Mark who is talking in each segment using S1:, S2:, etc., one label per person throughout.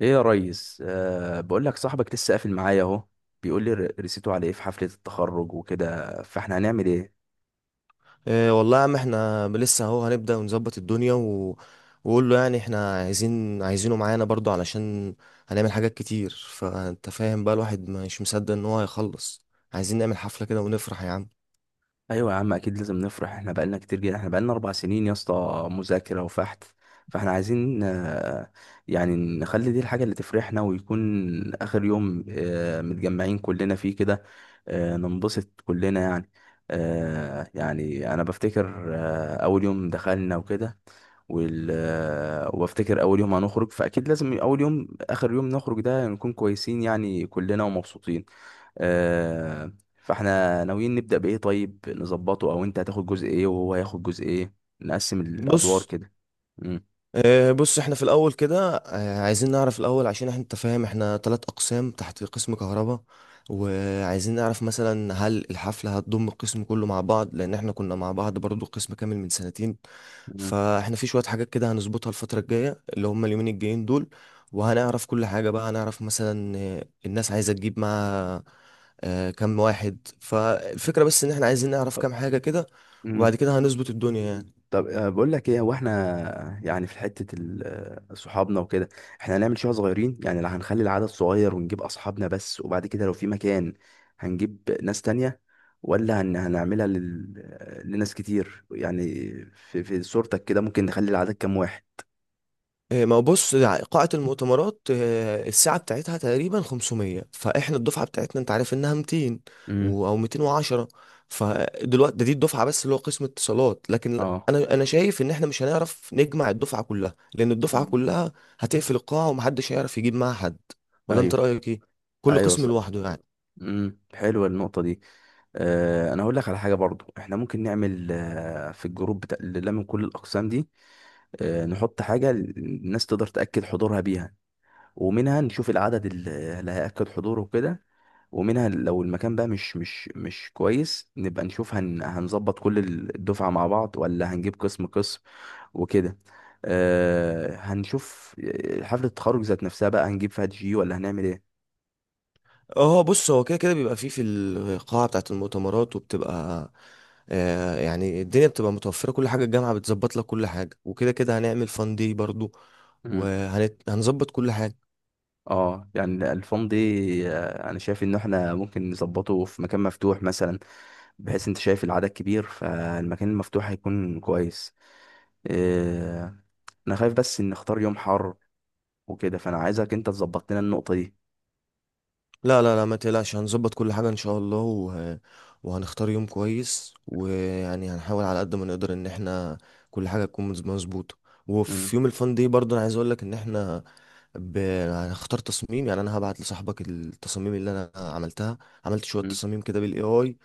S1: ايه يا ريس، بقول لك صاحبك لسه قافل معايا اهو. بيقول لي رسيته على ايه في حفلة التخرج وكده، فاحنا هنعمل ايه؟
S2: إيه والله يا عم، احنا لسه اهو هنبدأ ونظبط الدنيا وقول له، يعني احنا عايزينه معانا برضو علشان هنعمل حاجات كتير. فانت فاهم بقى، الواحد مش مصدق ان هو هيخلص. عايزين نعمل حفلة كده ونفرح يا عم.
S1: ايوه يا عم، اكيد لازم نفرح. احنا بقالنا كتير جدا، احنا بقالنا 4 سنين يا اسطى مذاكرة وفحت. فاحنا عايزين، يعني نخلي دي الحاجة اللي تفرحنا ويكون اخر يوم متجمعين كلنا فيه كده. ننبسط كلنا يعني. يعني انا بفتكر اول يوم دخلنا وكده، وال... آه، وبفتكر اول يوم هنخرج، فاكيد لازم اول يوم اخر يوم نخرج ده نكون كويسين يعني كلنا ومبسوطين. آه، فاحنا ناويين نبدأ بايه؟ طيب نظبطه، او انت هتاخد جزء ايه وهو هياخد جزء ايه؟ نقسم الادوار
S2: بص،
S1: كده. مم.
S2: إيه. بص، احنا في الاول كده عايزين نعرف الاول، عشان احنا، انت فاهم، احنا ثلاث اقسام تحت قسم كهرباء. وعايزين نعرف مثلا هل الحفلة هتضم القسم كله مع بعض، لان احنا كنا مع بعض برضو قسم كامل من سنتين.
S1: مم.
S2: فاحنا في شوية حاجات كده هنظبطها الفترة الجاية اللي هم اليومين الجايين دول. وهنعرف كل حاجة بقى. هنعرف مثلا الناس عايزة تجيب معاها كم واحد. فالفكرة بس ان احنا عايزين نعرف
S1: طب-
S2: كام حاجة كده،
S1: مم.
S2: وبعد كده هنظبط الدنيا يعني.
S1: طب بقول لك ايه، هو احنا يعني في حته صحابنا وكده، احنا هنعمل شويه صغيرين يعني، لا هنخلي العدد صغير ونجيب اصحابنا بس، وبعد كده لو في مكان هنجيب ناس تانية، ولا هنعملها لل... آه، لناس كتير يعني. في صورتك كده ممكن نخلي العدد كام واحد؟
S2: ما هو بص، يعني قاعة المؤتمرات الساعة بتاعتها تقريبا 500، فاحنا الدفعة بتاعتنا انت عارف انها 200
S1: امم.
S2: او 210. فدلوقتي ده دي الدفعة بس اللي هو قسم اتصالات. لكن
S1: اه.
S2: انا شايف ان احنا مش هنعرف نجمع الدفعة كلها، لان الدفعة
S1: مم.
S2: كلها هتقفل القاعة ومحدش هيعرف يجيب معاها حد. ولا انت
S1: ايوه.
S2: رأيك ايه؟ كل
S1: ايوه
S2: قسم
S1: صح.
S2: لوحده يعني.
S1: حلوه النقطه دي. انا هقول لك على حاجه برضو، احنا ممكن نعمل في الجروب بتاع اللي من كل الاقسام دي، نحط حاجة الناس تقدر تأكد حضورها بيها، ومنها نشوف العدد اللي هيأكد حضوره وكده، ومنها لو المكان بقى مش كويس، نبقى نشوف هنظبط كل الدفعة مع بعض، ولا هنجيب قسم قسم وكده. هنشوف. حفلة التخرج ذات نفسها بقى هنجيب فيها دي جي ولا هنعمل ايه؟
S2: اه بص، هو كده كده بيبقى فيه في القاعة بتاعة المؤتمرات، وبتبقى آه يعني الدنيا بتبقى متوفرة، كل حاجة الجامعة بتظبط لك كل حاجة. وكده كده هنعمل فان دي برضو،
S1: مم.
S2: وهنظبط كل حاجة.
S1: اه، يعني الفان دي انا شايف ان احنا ممكن نظبطه في مكان مفتوح مثلا. بحيث انت شايف العدد كبير، فالمكان المفتوح هيكون كويس. آه، انا خايف بس ان نختار يوم حر وكده، فانا عايزك انت تظبط لنا النقطة دي.
S2: لا لا لا، ما تقلقش، هنظبط كل حاجة ان شاء الله. وهنختار يوم كويس، ويعني هنحاول على قد ما نقدر ان احنا كل حاجة تكون مظبوطة. وفي
S1: مم.
S2: يوم الفن دي برضه انا عايز اقول لك ان احنا ب... هنختار تصميم. يعني انا هبعت لصاحبك التصاميم اللي انا عملتها. عملت شوية
S1: مم.
S2: تصاميم كده بالاي اي،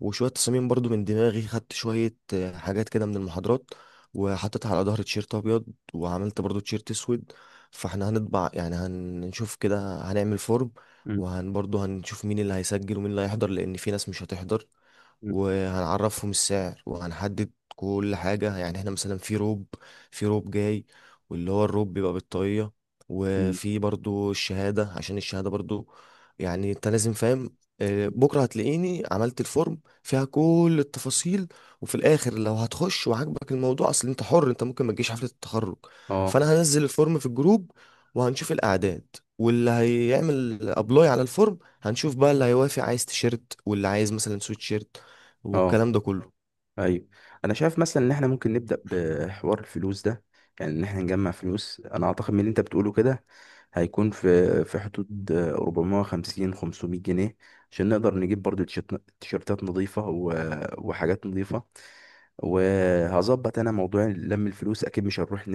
S2: وشوية تصاميم برضو من دماغي. خدت شوية حاجات كده من المحاضرات وحطيتها على ظهر تيشيرت أبيض، وعملت برضو تيشيرت أسود. فاحنا هنطبع يعني. هنشوف كده، هنعمل فورم،
S1: مم.
S2: وهن برضو هنشوف مين اللي هيسجل ومين اللي هيحضر، لأن في ناس مش هتحضر.
S1: مم.
S2: وهنعرفهم السعر وهنحدد كل حاجة. يعني احنا مثلا في روب، في روب جاي، واللي هو الروب بيبقى بالطاقية،
S1: مم.
S2: وفي برضو الشهادة، عشان الشهادة برضو يعني انت لازم فاهم. بكرة هتلاقيني عملت الفورم فيها كل التفاصيل. وفي الاخر لو هتخش وعاجبك الموضوع، اصل انت حر، انت ممكن ما تجيش حفلة التخرج.
S1: اه.
S2: فانا هنزل الفورم في الجروب وهنشوف الاعداد، واللي هيعمل ابلاي على الفورم هنشوف بقى، اللي هيوافق عايز تيشيرت واللي عايز مثلا سويت شيرت،
S1: اه.
S2: والكلام ده كله.
S1: ايوه. انا شايف مثلا ان احنا ممكن نبدا بحوار الفلوس ده، يعني ان احنا نجمع فلوس. انا اعتقد من اللي انت بتقوله كده هيكون في حدود 450 500 جنيه، عشان نقدر نجيب برضو تيشيرتات نظيفه وحاجات نظيفه. وهظبط انا موضوع لم الفلوس. اكيد مش هنروح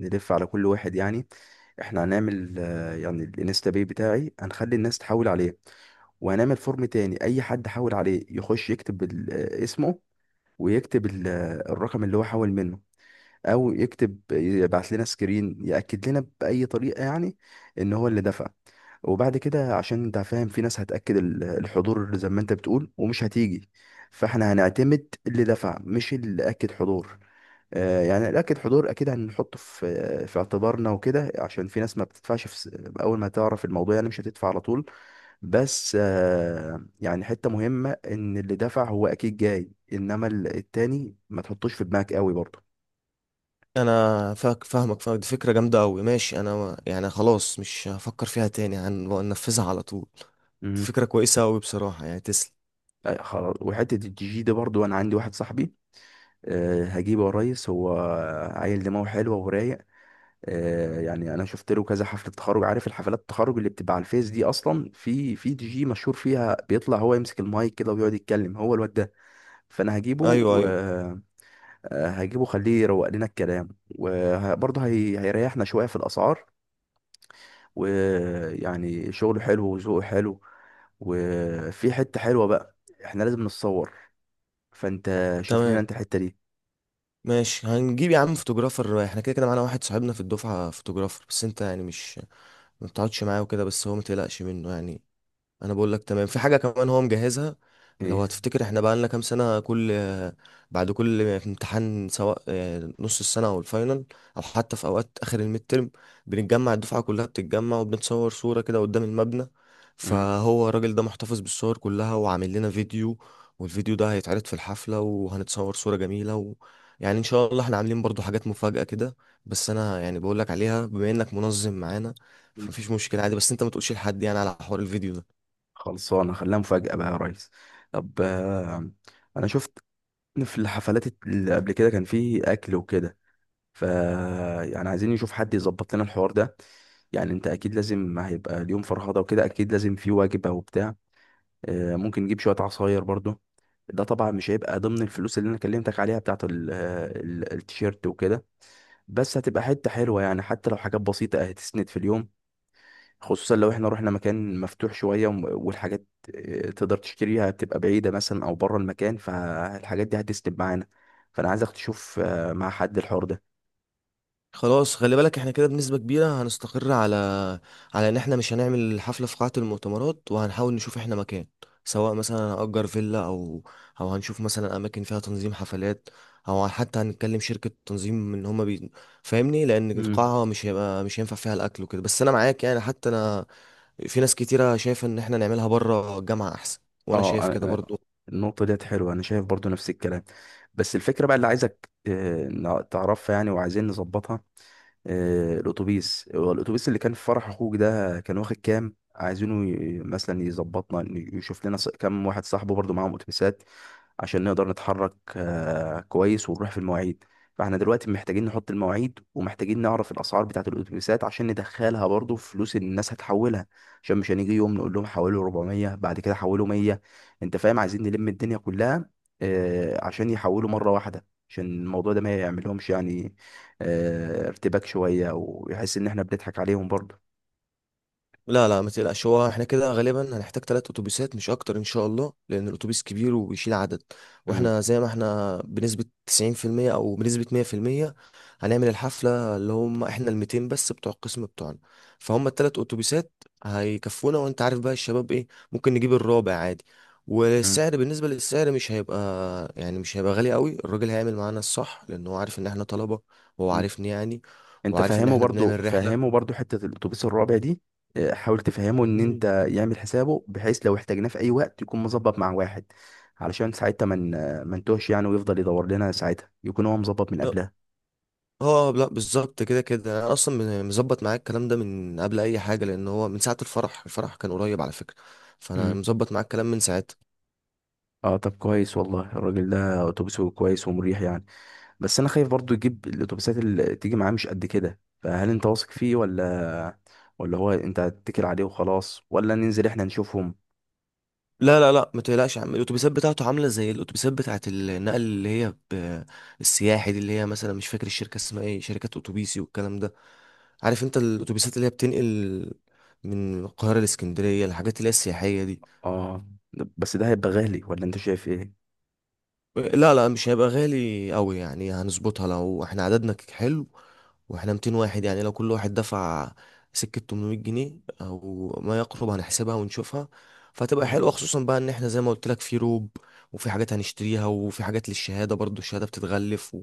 S1: نلف على كل واحد يعني. احنا هنعمل يعني الانستا باي بتاعي، هنخلي الناس تحول عليه. وهنعمل فورم تاني، اي حد حول عليه يخش يكتب اسمه، ويكتب الرقم اللي هو حول منه، او يكتب يبعت لنا سكرين ياكد لنا باي طريقه، يعني ان هو اللي دفع. وبعد كده عشان انت فاهم في ناس هتاكد الحضور زي ما انت بتقول ومش هتيجي، فاحنا هنعتمد اللي دفع مش اللي اكد حضور. يعني اللي اكد حضور اكيد هنحطه في اعتبارنا وكده، عشان في ناس ما بتدفعش اول ما تعرف الموضوع يعني مش هتدفع على طول. بس يعني حته مهمه ان اللي دفع هو اكيد جاي، انما التاني ما تحطوش في دماغك قوي.
S2: انا فاهمك. دي فكره جامده قوي، ماشي. انا يعني خلاص، مش هفكر فيها تاني، هنفذها على طول. دي
S1: برضه.
S2: فكره كويسه قوي بصراحه يعني. تسلم.
S1: لا، خلاص. وحته الجي جي ده برضو انا عندي واحد صاحبي. هجيبه يا ريس، هو عيل دماغه حلوه ورايق. يعني انا شفت له كذا حفله تخرج. عارف الحفلات التخرج اللي بتبقى على الفيس دي، اصلا في دي جي مشهور فيها بيطلع هو يمسك المايك كده ويقعد يتكلم هو الواد ده. فانا هجيبه.
S2: ايوه، ايوه.
S1: وهجيبه خليه يروق لنا الكلام، وبرضه هيريحنا شويه في الاسعار. ويعني شغله حلو وذوقه حلو. وفي حته حلوه بقى، احنا لازم نتصور. فانت شوف
S2: تمام،
S1: لنا انت الحتة دي.
S2: ماشي. هنجيب يا عم فوتوغرافر، احنا كده كده معانا واحد صاحبنا في الدفعه فوتوغرافر. بس انت يعني مش ما بتقعدش معاه وكده، بس هو ما تقلقش منه يعني. انا بقول لك تمام. في حاجه كمان هو مجهزها. لو
S1: ايه.
S2: هتفتكر احنا بقى لنا كام سنه، كل بعد كل امتحان سواء نص السنه او الفاينل، او حتى في اوقات اخر الميد ترم، بنتجمع الدفعه كلها، بتتجمع وبنتصور صوره كده قدام المبنى.
S1: مم.
S2: فهو الراجل ده محتفظ بالصور كلها وعامل لنا فيديو. والفيديو ده هيتعرض في الحفله، وهنتصور صوره جميله يعني ان شاء الله. احنا عاملين برضو حاجات مفاجاه كده، بس انا يعني بقول لك عليها بما انك منظم معانا. فمفيش مشكله عادي، بس انت ما تقولش لحد يعني على حوار الفيديو ده.
S1: خلصانة، خليها مفاجأة بقى يا ريس. طب انا شفت في الحفلات اللي قبل كده كان في اكل وكده. ف يعني عايزين نشوف حد يظبط لنا الحوار ده. يعني انت اكيد لازم هيبقى اليوم فرهضة وكده، اكيد لازم في وجبة وبتاع. ممكن نجيب شوية عصاير برضو. ده طبعا مش هيبقى ضمن الفلوس اللي انا كلمتك عليها بتاعت التيشيرت وكده، بس هتبقى حتة حلوة، يعني حتى لو حاجات بسيطة هتسند في اليوم. خصوصا لو احنا رحنا مكان مفتوح شوية، والحاجات تقدر تشتريها بتبقى بعيدة مثلا او بره المكان، فالحاجات دي هتسند معانا. فانا عايزك تشوف مع حد الحوار ده.
S2: خلاص. خلي بالك، احنا كده بنسبة كبيرة هنستقر على ان احنا مش هنعمل الحفلة في قاعة المؤتمرات، وهنحاول نشوف احنا مكان، سواء مثلا هنأجر فيلا، او هنشوف مثلا اماكن فيها تنظيم حفلات، او حتى هنتكلم شركة تنظيم ان هما فاهمني. لان
S1: امم.
S2: القاعة مش هيبقى، مش هينفع فيها الاكل وكده. بس انا معاك يعني، حتى انا، في ناس كتيرة شايفة ان احنا نعملها بره الجامعة احسن، وانا
S1: اه.
S2: شايف كده برضو.
S1: النقطة ديت حلوة، انا شايف برضو نفس الكلام. بس الفكرة بقى اللي عايزك تعرفها يعني، وعايزين نظبطها. الاتوبيس، هو الاتوبيس اللي كان في فرح اخوك ده كان واخد كام؟ عايزينه مثلا يظبطنا، إن يشوف لنا كام واحد صاحبه برضو معاهم اتوبيسات، عشان نقدر نتحرك كويس ونروح في المواعيد. فاحنا دلوقتي محتاجين نحط المواعيد، ومحتاجين نعرف الاسعار بتاعه الاتوبيسات عشان ندخلها برضو في فلوس اللي الناس هتحولها، عشان مش هنيجي يوم نقول لهم حولوا 400 بعد كده حولوا 100. انت فاهم، عايزين نلم الدنيا كلها، عشان يحولوا مره واحده، عشان الموضوع ده ما يعملهمش يعني ارتباك شوية، ويحس ان احنا بنضحك عليهم برضه.
S2: لا لا، ما تقلقش. هو احنا كده غالبا هنحتاج ثلاث اتوبيسات مش اكتر ان شاء الله، لان الاتوبيس كبير وبيشيل عدد.
S1: مم.
S2: واحنا زي ما احنا بنسبة 90% او بنسبة 100% هنعمل الحفلة، اللي هم احنا ال 200 بس بتوع القسم بتوعنا. فهم الثلاث اتوبيسات هيكفونا. وانت عارف بقى الشباب ايه، ممكن نجيب الرابع عادي.
S1: مم.
S2: والسعر، بالنسبة للسعر مش هيبقى يعني مش هيبقى غالي قوي. الراجل هيعمل معانا الصح، لان هو عارف ان احنا طلبة، وهو
S1: مم.
S2: عارفني يعني،
S1: انت
S2: وعارف ان
S1: فاهمه
S2: احنا
S1: برضه،
S2: بنعمل
S1: فاهمه
S2: رحلة.
S1: برضه، حتة الاتوبيس الرابع دي. حاول تفهمه ان انت يعمل حسابه، بحيث لو احتاجناه في اي وقت يكون مظبط مع واحد، علشان ساعتها من ما نتوهش يعني، ويفضل يدور لنا ساعتها يكون هو مظبط من
S2: مم.
S1: قبلها.
S2: اه لا، بالظبط كده كده انا اصلا مظبط معاك الكلام ده من قبل اي حاجه، لان هو من ساعه الفرح. الفرح كان قريب على فكره، فانا
S1: مم.
S2: مظبط معاك الكلام من ساعتها.
S1: اه، طب كويس والله. الراجل ده اتوبيسه كويس ومريح يعني. بس انا خايف برضو يجيب الاتوبيسات اللي تيجي معاه مش قد كده، فهل انت واثق فيه، ولا ولا هو انت هتتكل عليه وخلاص، ولا ننزل احنا نشوفهم؟
S2: لا لا لا، ما تقلقش يا عم. الاتوبيسات بتاعته عامله زي الاتوبيسات بتاعه النقل اللي هي السياحي دي، اللي هي مثلا، مش فاكر الشركه اسمها ايه، شركات اتوبيسي والكلام ده. عارف انت الاتوبيسات اللي هي بتنقل من القاهره لاسكندريه، الحاجات اللي هي السياحيه دي.
S1: اه، بس ده هيبقى غالي ولا انت شايف ايه؟
S2: لا لا، مش هيبقى غالي قوي يعني. هنظبطها لو احنا عددنا حلو. واحنا 200 واحد يعني، لو كل واحد دفع سكة 800 جنيه او ما يقرب، هنحسبها ونشوفها. فهتبقى
S1: مم.
S2: حلوة، خصوصا بقى ان احنا زي ما قلت لك في روب، وفي حاجات هنشتريها، وفي حاجات للشهادة، برضو الشهادة بتتغلف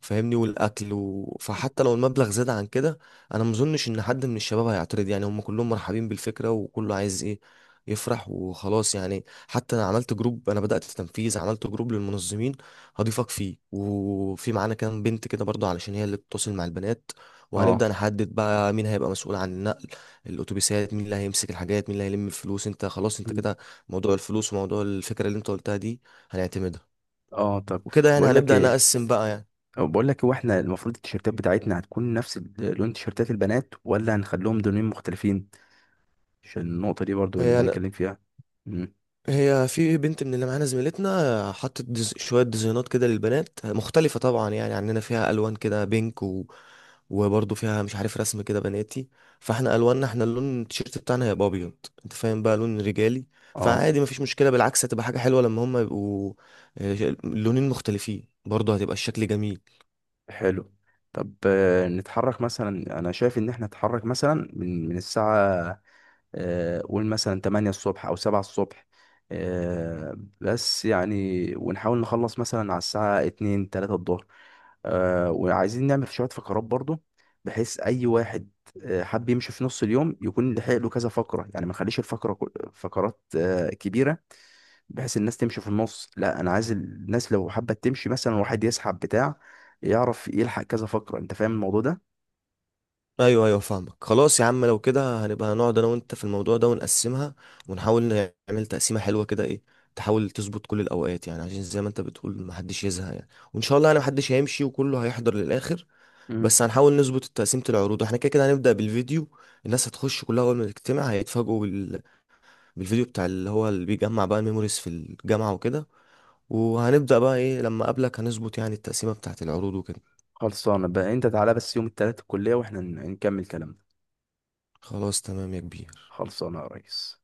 S2: فاهمني، والاكل فحتى لو المبلغ زاد عن كده، انا مظنش ان حد من الشباب هيعترض يعني. هم كلهم مرحبين بالفكرة، وكله عايز ايه، يفرح وخلاص يعني. حتى انا عملت جروب، انا بدأت تنفيذ، عملت جروب للمنظمين. هضيفك فيه، وفي معانا كام بنت كده برضو علشان هي اللي بتتواصل مع البنات. وهنبدأ
S1: اه.
S2: نحدد بقى مين هيبقى مسؤول عن النقل، الاتوبيسات، مين اللي هيمسك الحاجات، مين اللي هيلم الفلوس. انت خلاص، انت
S1: مم.
S2: كده موضوع الفلوس وموضوع الفكرة اللي انت قلتها دي هنعتمدها.
S1: اه، طب
S2: وكده يعني
S1: بقول لك
S2: هنبدأ
S1: ايه،
S2: نقسم بقى يعني.
S1: بقول لك هو احنا المفروض التيشيرتات بتاعتنا هتكون نفس لون تيشيرتات البنات، ولا هنخليهم لونين مختلفين؟ عشان النقطة دي برضو نبقى
S2: يعني
S1: نتكلم فيها. مم.
S2: هي في بنت من اللي معانا زميلتنا حطت شوية ديزاينات كده للبنات مختلفة طبعا يعني عننا، فيها ألوان كده بينك وبرضه فيها مش عارف رسم كده بناتي. فاحنا ألواننا، احنا اللون التيشيرت بتاعنا هيبقى أبيض، انت فاهم، بقى لون رجالي.
S1: اه،
S2: فعادي مفيش مشكلة، بالعكس هتبقى حاجة حلوة لما هما يبقوا لونين مختلفين. برضه هتبقى الشكل جميل.
S1: حلو. طب نتحرك مثلا، انا شايف ان احنا نتحرك مثلا من الساعة قول مثلا 8 الصبح او 7 الصبح، بس يعني ونحاول نخلص مثلا على الساعة 2 3 الظهر. وعايزين نعمل شوية فقرات برضو، بحيث اي واحد حب يمشي في نص اليوم يكون لحق له كذا فقرة، يعني ما نخليش الفقرة فقرات كبيرة بحيث الناس تمشي في النص. لا، انا عايز الناس لو حابه تمشي مثلا، واحد يسحب بتاع، يعرف يلحق كذا فقره. انت فاهم الموضوع ده؟
S2: ايوه، ايوه، فاهمك. خلاص يا عم، لو كده هنبقى هنقعد انا وانت في الموضوع ده ونقسمها، ونحاول نعمل تقسيمه حلوه كده ايه. تحاول تظبط كل الاوقات يعني، عشان زي ما انت بتقول محدش يزهق يعني. وان شاء الله انا محدش هيمشي وكله هيحضر للاخر.
S1: مم.
S2: بس هنحاول نظبط تقسيمه العروض. احنا كده كده هنبدا بالفيديو. الناس هتخش كلها اول ما تجتمع هيتفاجئوا بالفيديو بتاع اللي هو اللي بيجمع بقى الميموريز في الجامعه وكده. وهنبدا بقى ايه لما اقابلك هنظبط يعني التقسيمه بتاعه العروض وكده.
S1: خلصانه بقى، انت تعالى بس يوم التلات الكليه واحنا نكمل كلامنا.
S2: خلاص تمام يا كبير.
S1: خلصانه يا ريس.